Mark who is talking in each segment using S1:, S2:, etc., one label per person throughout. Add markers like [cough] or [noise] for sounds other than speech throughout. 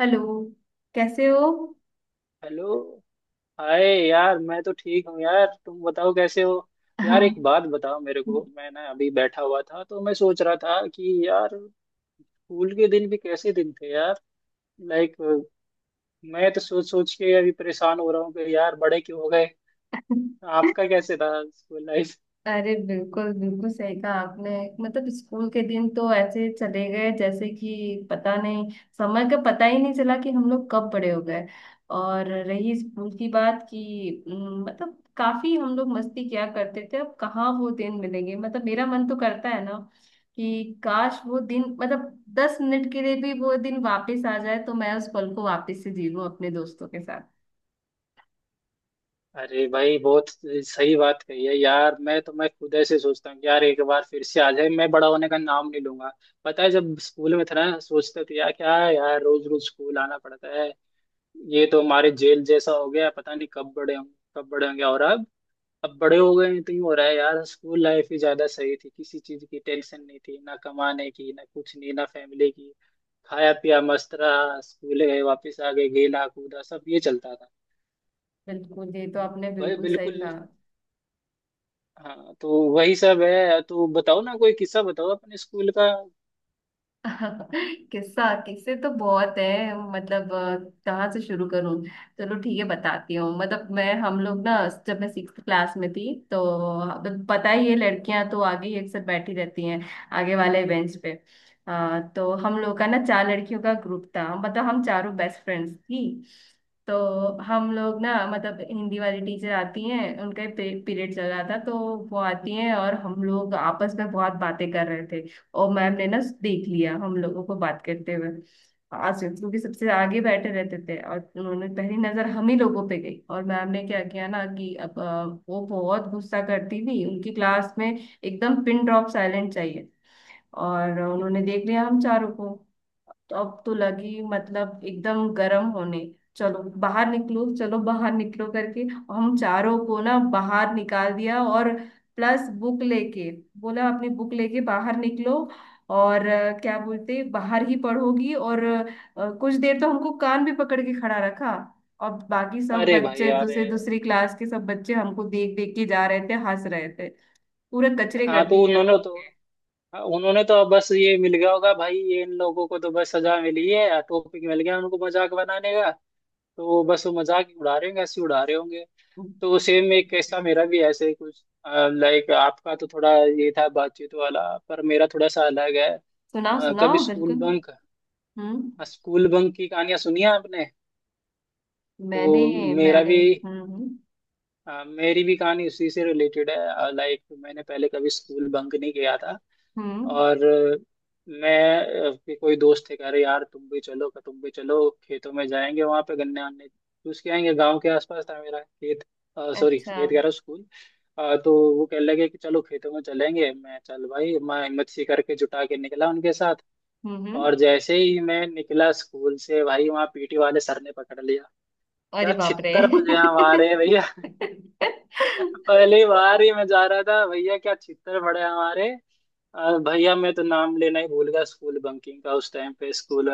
S1: Hello. कैसे हो?
S2: Hello. Hi. यार, मैं तो ठीक हूँ। यार, तुम बताओ कैसे हो?
S1: हाँ।
S2: यार, एक बात बताओ मेरे को। मैं ना अभी बैठा हुआ था, तो मैं सोच रहा था कि यार, स्कूल के दिन भी कैसे दिन थे यार। लाइक, मैं तो सोच सोच के अभी परेशान हो रहा हूँ कि यार, बड़े क्यों हो गए। आपका कैसे था स्कूल लाइफ?
S1: अरे, बिल्कुल बिल्कुल सही कहा आपने। मतलब स्कूल के दिन तो ऐसे चले गए जैसे कि पता नहीं, समय का पता ही नहीं चला कि हम लोग कब बड़े हो गए। और रही स्कूल की बात कि मतलब काफी हम लोग मस्ती किया करते थे। अब कहाँ वो दिन मिलेंगे? मतलब मेरा मन तो करता है ना कि काश वो दिन, मतलब 10 मिनट के लिए भी वो दिन वापस आ जाए तो मैं उस पल को वापस से जी लूं अपने दोस्तों के।
S2: अरे भाई, बहुत सही बात कही है यार। मैं खुद ऐसे सोचता हूँ कि यार, एक बार फिर से आ जाए, मैं बड़ा होने का नाम नहीं लूंगा। पता है, जब स्कूल में था ना, सोचते थे यार, क्या यार रोज रोज स्कूल आना पड़ता है, ये तो हमारे जेल जैसा हो गया, पता नहीं कब बड़े होंगे कब बड़े होंगे। और अब बड़े हो गए हैं तो यूं हो रहा है यार, स्कूल लाइफ ही ज्यादा सही थी, किसी चीज की टेंशन नहीं थी, ना कमाने की, ना कुछ नहीं, ना फैमिली की। खाया पिया, मस्त रहा, स्कूल गए, वापस आ गए, गेला कूदा, सब ये चलता था।
S1: बिल्कुल, ये तो आपने
S2: भाई
S1: बिल्कुल सही
S2: बिल्कुल।
S1: कहा।
S2: हाँ, तो वही सब है। तो बताओ ना, कोई किस्सा बताओ अपने स्कूल का।
S1: [laughs] किस्सा किस्से तो बहुत है। मतलब कहाँ से शुरू करूँ। चलो ठीक है, बताती हूँ। मतलब मैं हम लोग ना, जब मैं सिक्स क्लास में थी तो, अब पता ही है, लड़कियां तो आगे ही अक्सर बैठी रहती हैं, आगे वाले बेंच पे। तो हम लोग का ना चार लड़कियों का ग्रुप था, मतलब हम चारों बेस्ट फ्रेंड्स थी। तो हम लोग ना, मतलब हिंदी वाली टीचर आती हैं, उनका पीरियड चल रहा था तो वो आती हैं और हम लोग आपस में बहुत बातें कर रहे थे। और मैम ने ना देख लिया हम लोगों को बात करते हुए। आसिफ क्योंकि सबसे आगे बैठे रहते थे और उन्होंने पहली नजर हम ही लोगों पे गई। और मैम ने क्या किया ना कि अब वो बहुत गुस्सा करती थी, उनकी क्लास में एकदम पिन ड्रॉप साइलेंट चाहिए। और उन्होंने देख लिया हम चारों को, तो अब तो लगी मतलब एकदम गर्म होने। चलो बाहर निकलो, चलो बाहर निकलो करके और हम चारों को ना बाहर निकाल दिया, और प्लस बुक लेके बोला अपनी बुक लेके बाहर निकलो, और क्या बोलते बाहर ही पढ़ोगी। और कुछ देर तो हमको कान भी पकड़ के खड़ा रखा। और बाकी सब
S2: अरे भाई,
S1: बच्चे,
S2: अरे!
S1: दूसरे दूसरी क्लास के सब बच्चे हमको देख देख के जा रहे थे, हंस रहे थे। पूरे कचरे
S2: हाँ
S1: कर
S2: तो
S1: दिए।
S2: उन्होंने तो हाँ, उन्होंने तो अब बस ये मिल गया होगा भाई, ये इन लोगों को तो बस सजा मिली है, टॉपिक मिल गया उनको मजाक बनाने का। तो वो मजाक ही उड़ा रहे होंगे, हंसी उड़ा रहे होंगे। तो सेम, एक ऐसा मेरा भी ऐसे ही कुछ। लाइक आपका तो थोड़ा ये था बातचीत वाला, पर मेरा थोड़ा सा अलग है।
S1: सुनाओ
S2: कभी
S1: सुनाओ,
S2: स्कूल
S1: बिल्कुल।
S2: बंक
S1: हम्म।
S2: स्कूल बंक की कहानियां सुनी है आपने?
S1: मैंने
S2: तो मेरा
S1: मैंने
S2: भी
S1: हम्म।
S2: मेरी भी कहानी उसी से रिलेटेड है। लाइक मैंने पहले कभी स्कूल बंक नहीं किया था।
S1: हम्म,
S2: और मैं कि कोई दोस्त थे, कह रहे यार तुम भी चलो खेतों में जाएंगे, वहां पे गन्ने आने चूस के आएंगे, गांव के आसपास था मेरा खेत। सॉरी,
S1: अच्छा।
S2: खेत कह रहा हूँ, स्कूल। तो वो कहने लगे कि चलो खेतों में चलेंगे। मैं चल भाई, मैं हिम्मत सी करके जुटा के निकला उनके साथ।
S1: हम्म।
S2: और जैसे ही मैं निकला स्कूल से, भाई वहाँ पीटी वाले सर ने पकड़ लिया।
S1: अरे
S2: क्या
S1: बाप रे!
S2: छित्तर बजे हमारे भैया!
S1: [laughs]
S2: पहली बार ही मैं जा रहा था भैया, क्या चित्तर पड़े हमारे। भैया मैं तो नाम लेना ही भूल गया स्कूल बंकिंग का उस टाइम पे। स्कूल,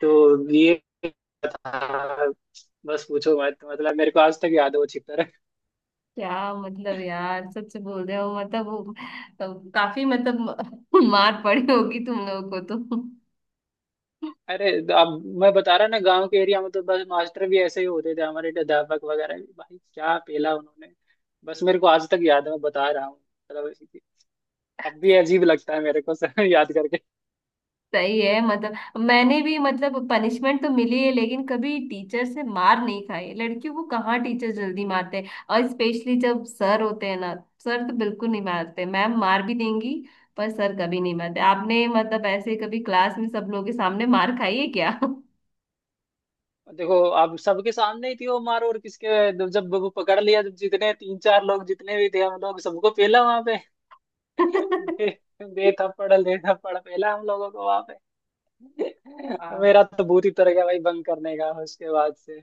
S2: तो ये था। बस पूछो मत, मतलब मेरे को आज तक याद है वो चित्तर [laughs]
S1: क्या मतलब, यार, सच बोल रहे हो? मतलब तो काफी, मतलब, [laughs] मार पड़ी होगी तुम लोगों को तो।
S2: अरे! अब मैं बता रहा ना, गांव के एरिया में तो बस मास्टर भी ऐसे ही होते थे, हमारे अध्यापक वगैरह भी। भाई क्या पेला उन्होंने, बस मेरे को आज तक याद है, मैं बता रहा हूँ, मतलब अब भी अजीब लगता है मेरे को [laughs] सर, याद।
S1: सही है। मतलब मैंने भी, मतलब, पनिशमेंट तो मिली है, लेकिन कभी टीचर से मार नहीं खाई है। लड़कियों को कहाँ टीचर जल्दी मारते हैं, और स्पेशली जब सर होते हैं ना, सर तो बिल्कुल नहीं मारते, मैम मार भी देंगी, पर सर कभी नहीं मारते। आपने मतलब ऐसे कभी क्लास में सब लोगों के सामने मार खाई है क्या?
S2: देखो आप, सबके सामने ही थी वो मार, और किसके? जब जब वो पकड़ लिया, जब जितने तीन चार लोग जितने भी थे हम लोग, सबको पेला वहां पे [laughs] दे, दे थप्पड़ पेला हम लोगों को वहां पे [laughs]
S1: [laughs]
S2: मेरा तो भूत ही तर गया भाई बंक करने का उसके बाद से।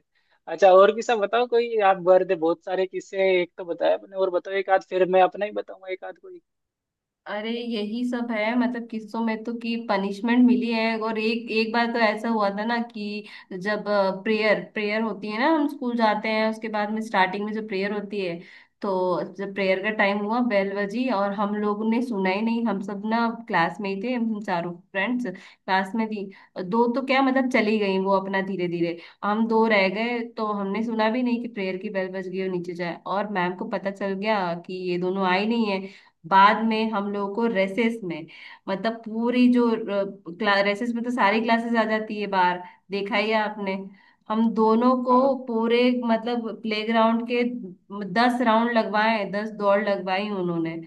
S2: अच्छा और किस्सा बताओ कोई, आप बर्थ दे बहुत सारे किस्से, एक तो बताया आपने, और बताओ एक आध, फिर मैं अपना ही बताऊंगा एक आध कोई।
S1: अरे, यही सब है। मतलब किस्सों में तो, कि पनिशमेंट मिली है। और एक एक बार तो ऐसा हुआ था ना कि जब प्रेयर प्रेयर होती है ना, हम स्कूल जाते हैं उसके बाद
S2: हाँ।
S1: में स्टार्टिंग में जो प्रेयर होती है, तो जब
S2: जी।
S1: प्रेयर का टाइम हुआ, बेल बजी, और हम लोगों ने सुना ही नहीं। हम सब ना क्लास में ही थे, हम चारों फ्रेंड्स क्लास में थी। दो तो क्या, मतलब चली गई वो अपना, धीरे धीरे। हम दो रह गए तो हमने सुना भी नहीं कि प्रेयर की बेल बज गई, और नीचे जाए, और मैम को पता चल गया कि ये दोनों आई नहीं है। बाद में हम लोगों को रेसेस में, मतलब पूरी, जो रेसेस में तो सारी क्लासेस आ जाती है बाहर, देखा ही है आपने, हम दोनों को
S2: हाँ।
S1: पूरे मतलब प्लेग्राउंड के 10 राउंड लगवाए, 10 दौड़ लगवाई उन्होंने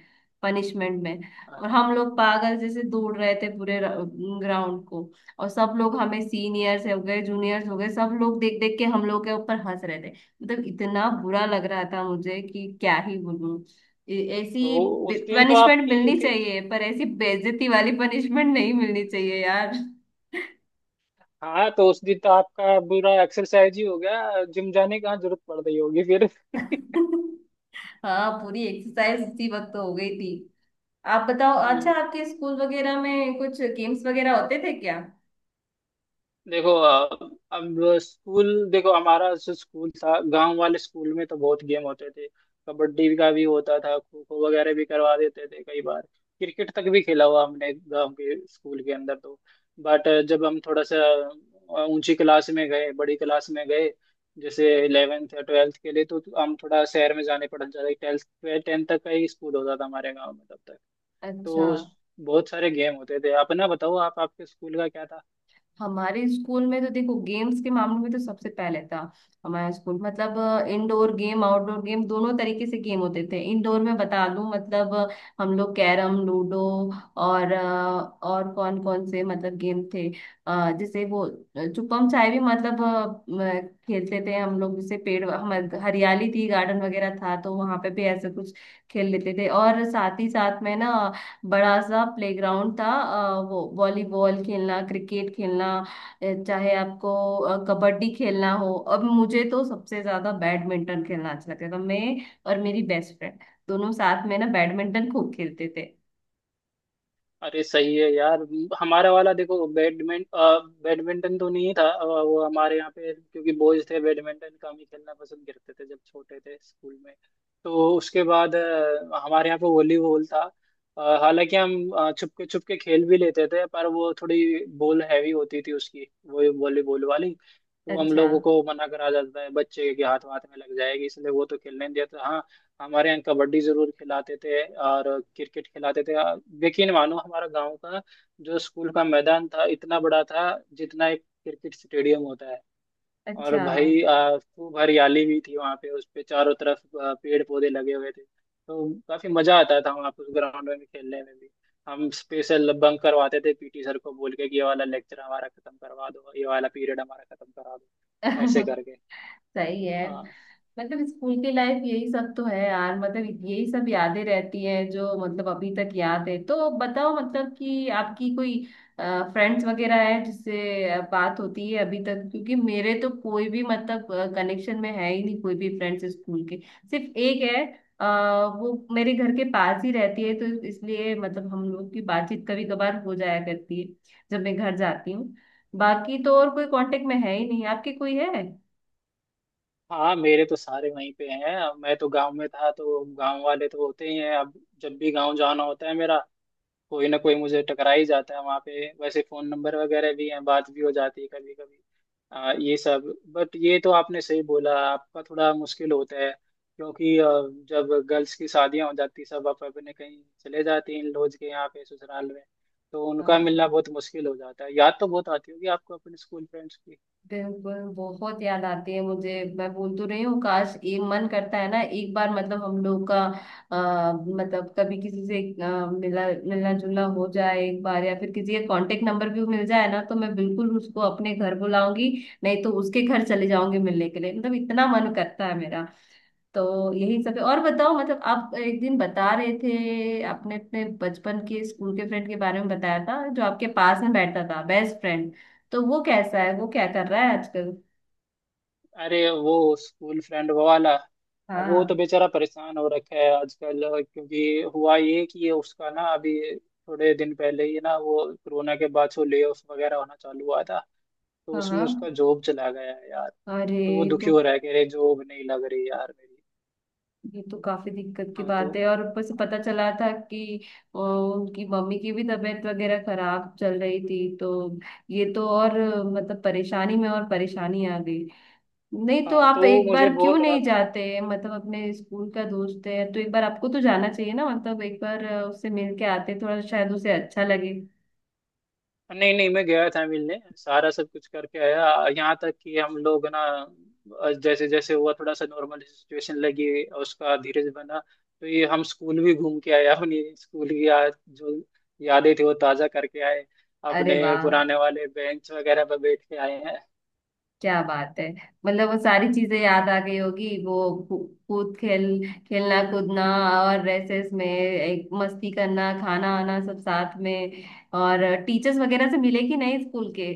S1: पनिशमेंट में। और
S2: अरे
S1: हम लोग पागल जैसे दौड़ रहे थे पूरे ग्राउंड को, और सब लोग, हमें सीनियर्स हो गए, जूनियर्स हो गए, सब लोग देख देख के हम लोग के ऊपर हंस रहे थे। मतलब इतना बुरा लग रहा था मुझे कि क्या ही बोलूं।
S2: तो
S1: ऐसी
S2: उस दिन तो
S1: पनिशमेंट
S2: आपकी
S1: मिलनी
S2: फिर...
S1: चाहिए पर ऐसी बेइज्जती वाली पनिशमेंट नहीं मिलनी चाहिए, यार।
S2: हाँ, तो उस दिन तो आपका पूरा एक्सरसाइज ही हो गया, जिम जाने की कहाँ जरूरत पड़ रही होगी फिर
S1: [laughs] हाँ, पूरी एक्सरसाइज उसी वक्त तो हो गई थी। आप बताओ, अच्छा,
S2: [laughs]
S1: आपके स्कूल वगैरह में कुछ गेम्स वगैरह होते थे क्या?
S2: देखो, अब स्कूल देखो, हमारा जो स्कूल था, गांव वाले स्कूल में तो बहुत गेम होते थे। कबड्डी का भी होता था, खो खो वगैरह भी करवा देते थे कई बार। क्रिकेट तक भी खेला हुआ हमने गांव के स्कूल के अंदर। तो बट जब हम थोड़ा सा ऊंची क्लास में गए, बड़ी क्लास में गए, जैसे इलेवेंथ या ट्वेल्थ के लिए, तो हम थोड़ा शहर में जाने पड़ जाते। ट्वेल्थ, टेंथ तक का ही स्कूल होता था हमारे गाँव में तब तक।
S1: अच्छा,
S2: तो बहुत सारे गेम होते थे। अपना बताओ, आप आपके स्कूल का क्या
S1: हमारे स्कूल में तो देखो, गेम्स के मामले में तो सबसे पहले था हमारा स्कूल। मतलब इंडोर गेम, आउटडोर गेम, दोनों तरीके से गेम होते थे। इंडोर में बता दूं, मतलब हम लोग कैरम, लूडो, और और कौन कौन से मतलब गेम थे, जैसे वो छुपम छाई भी, मतलब अ, खेलते थे हम लोग। जैसे पेड़,
S2: था?
S1: हमारे हरियाली थी, गार्डन वगैरह था, तो वहां पे भी ऐसे कुछ खेल लेते थे। और साथ ही साथ में ना बड़ा सा प्लेग्राउंड था, वो वॉलीबॉल खेलना, क्रिकेट खेलना, चाहे आपको कबड्डी खेलना हो। अब मुझे तो सबसे ज्यादा बैडमिंटन खेलना अच्छा लगता था, मैं और मेरी बेस्ट फ्रेंड दोनों साथ में ना बैडमिंटन खूब खेलते थे।
S2: अरे सही है यार। हमारा वाला देखो, बैडमिंटन तो नहीं था। वो हमारे यहाँ पे क्योंकि बॉयज थे, बैडमिंटन कम ही खेलना पसंद करते थे जब छोटे थे स्कूल में। तो उसके बाद हमारे यहाँ पे वॉलीबॉल था। हालांकि हम छुपके छुपके खेल भी लेते थे, पर वो थोड़ी बॉल हैवी होती थी उसकी, वो वॉलीबॉल वाली। तो हम
S1: अच्छा,
S2: लोगों को मना करा जाता है, बच्चे के हाथ वाथ में लग जाएगी, इसलिए वो तो खेलने नहीं देता, हाँ। हमारे यहाँ कबड्डी जरूर खिलाते थे, और क्रिकेट खिलाते थे। यकीन मानो, हमारा गांव का जो स्कूल का मैदान था, इतना बड़ा था जितना एक क्रिकेट स्टेडियम होता है। और
S1: अच्छा।
S2: भाई, खूब हरियाली भी थी वहाँ पे, उस पे चारों तरफ पेड़ पौधे लगे हुए थे, तो काफी मजा आता था वहाँ पे उस ग्राउंड में खेलने में भी। हम स्पेशल बंक करवाते थे, पीटी सर को बोल के कि ये वाला लेक्चर हमारा खत्म करवा दो, ये वाला पीरियड हमारा खत्म करवा दो, ऐसे
S1: [laughs]
S2: करके।
S1: सही है।
S2: हाँ।
S1: मतलब स्कूल की लाइफ यही सब तो है, यार। मतलब यही सब यादें रहती है जो मतलब अभी तक याद है। तो बताओ मतलब कि आपकी कोई फ्रेंड्स वगैरह है जिससे बात होती है अभी तक? क्योंकि मेरे तो कोई भी मतलब कनेक्शन में है ही नहीं, कोई भी फ्रेंड्स स्कूल के, सिर्फ एक है। वो मेरे घर के पास ही रहती है तो इसलिए मतलब हम लोग की बातचीत कभी कभार हो जाया करती है, जब मैं घर जाती हूँ। बाकी तो और कोई कांटेक्ट में है ही नहीं। आपके कोई है?
S2: हाँ, मेरे तो सारे वहीं पे हैं। अब मैं तो गांव में था, तो गांव वाले तो होते ही हैं। अब जब भी गांव जाना होता है मेरा, कोई ना कोई मुझे टकरा ही जाता है वहाँ पे। वैसे फोन नंबर वगैरह भी हैं, बात भी हो जाती है कभी कभी। ये सब। बट ये तो आपने सही बोला, आपका थोड़ा मुश्किल होता है, क्योंकि जब गर्ल्स की शादियां हो जाती सब, आप अपने कहीं चले जाते हैं इन लोग के यहाँ पे ससुराल में, तो उनका
S1: हाँ।
S2: मिलना बहुत मुश्किल हो जाता है। याद तो बहुत आती होगी आपको अपने स्कूल फ्रेंड्स की।
S1: बिल्कुल बहुत याद आती है मुझे, मैं बोल तो रही हूँ काश, एक मन करता है ना, एक बार मतलब हम लोग का मतलब कभी किसी से मिला मिलना जुलना हो जाए एक बार, या फिर किसी का कांटेक्ट नंबर भी मिल जाए ना तो मैं बिल्कुल उसको अपने घर बुलाऊंगी, नहीं तो उसके घर चले जाऊंगी मिलने के लिए। मतलब इतना मन करता है मेरा। तो यही सब है। और बताओ, मतलब आप एक दिन बता रहे थे, आपने अपने बचपन के स्कूल के फ्रेंड के बारे में बताया था जो आपके पास में बैठता था, बेस्ट फ्रेंड, तो वो कैसा है, वो क्या कर रहा है आजकल?
S2: अरे, वो स्कूल फ्रेंड वो वाला, अब वो तो
S1: हाँ।
S2: बेचारा परेशान हो रखा है आजकल। क्योंकि हुआ ये कि उसका ना अभी थोड़े दिन पहले ही ना, वो कोरोना के बाद से ले ऑफ वगैरह होना चालू हुआ था, तो उसमें
S1: हाँ।
S2: उसका जॉब चला गया है यार।
S1: अरे,
S2: तो वो दुखी
S1: तो
S2: हो रहा है, कह रहे जॉब नहीं लग रही यार मेरी।
S1: ये तो काफी दिक्कत की
S2: हाँ, तो।
S1: बात है। और ऊपर से
S2: हाँ।
S1: पता चला था कि उनकी मम्मी की भी तबीयत वगैरह खराब चल रही थी तो ये तो और मतलब परेशानी में और परेशानी आ गई। नहीं तो
S2: हाँ, तो
S1: आप
S2: वो
S1: एक
S2: मुझे
S1: बार क्यों
S2: बोल रहा
S1: नहीं
S2: था।
S1: जाते? मतलब अपने स्कूल का दोस्त है तो एक बार आपको तो जाना चाहिए ना। मतलब एक बार उससे मिल के आते, थोड़ा शायद उसे अच्छा लगे।
S2: नहीं नहीं, मैं गया था मिलने, सारा सब कुछ करके आया। यहाँ तक कि हम लोग ना, जैसे जैसे हुआ थोड़ा सा नॉर्मल सिचुएशन, लगी उसका धीरज बना, तो ये हम स्कूल भी घूम के आए, अपनी स्कूल की याद जो यादें थी वो ताजा करके आए,
S1: अरे
S2: अपने
S1: वाह,
S2: पुराने वाले बेंच वगैरह पर बैठ के आए हैं।
S1: क्या बात है! मतलब वो सारी चीजें याद आ गई होगी। वो कूद खेल, खेलना कूदना, और रेसेस में एक मस्ती करना, खाना आना सब साथ में। और टीचर्स वगैरह से मिले कि नहीं स्कूल के?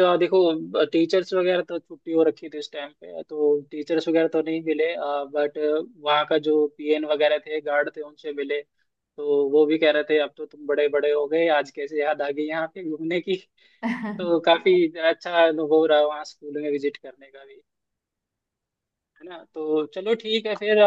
S2: हाँ, देखो टीचर्स वगैरह तो छुट्टी हो रखी थी इस टाइम पे, तो टीचर्स वगैरह तो नहीं मिले। बट वहाँ का जो पीएन वगैरह थे, गार्ड थे, उनसे मिले, तो वो भी कह रहे थे अब तो तुम बड़े बड़े हो गए, आज कैसे याद आ गई यहाँ पे घूमने की [laughs] तो
S1: [laughs]
S2: काफी अच्छा अनुभव रहा वहाँ स्कूल में विजिट करने का भी। है ना? तो चलो ठीक है फिर।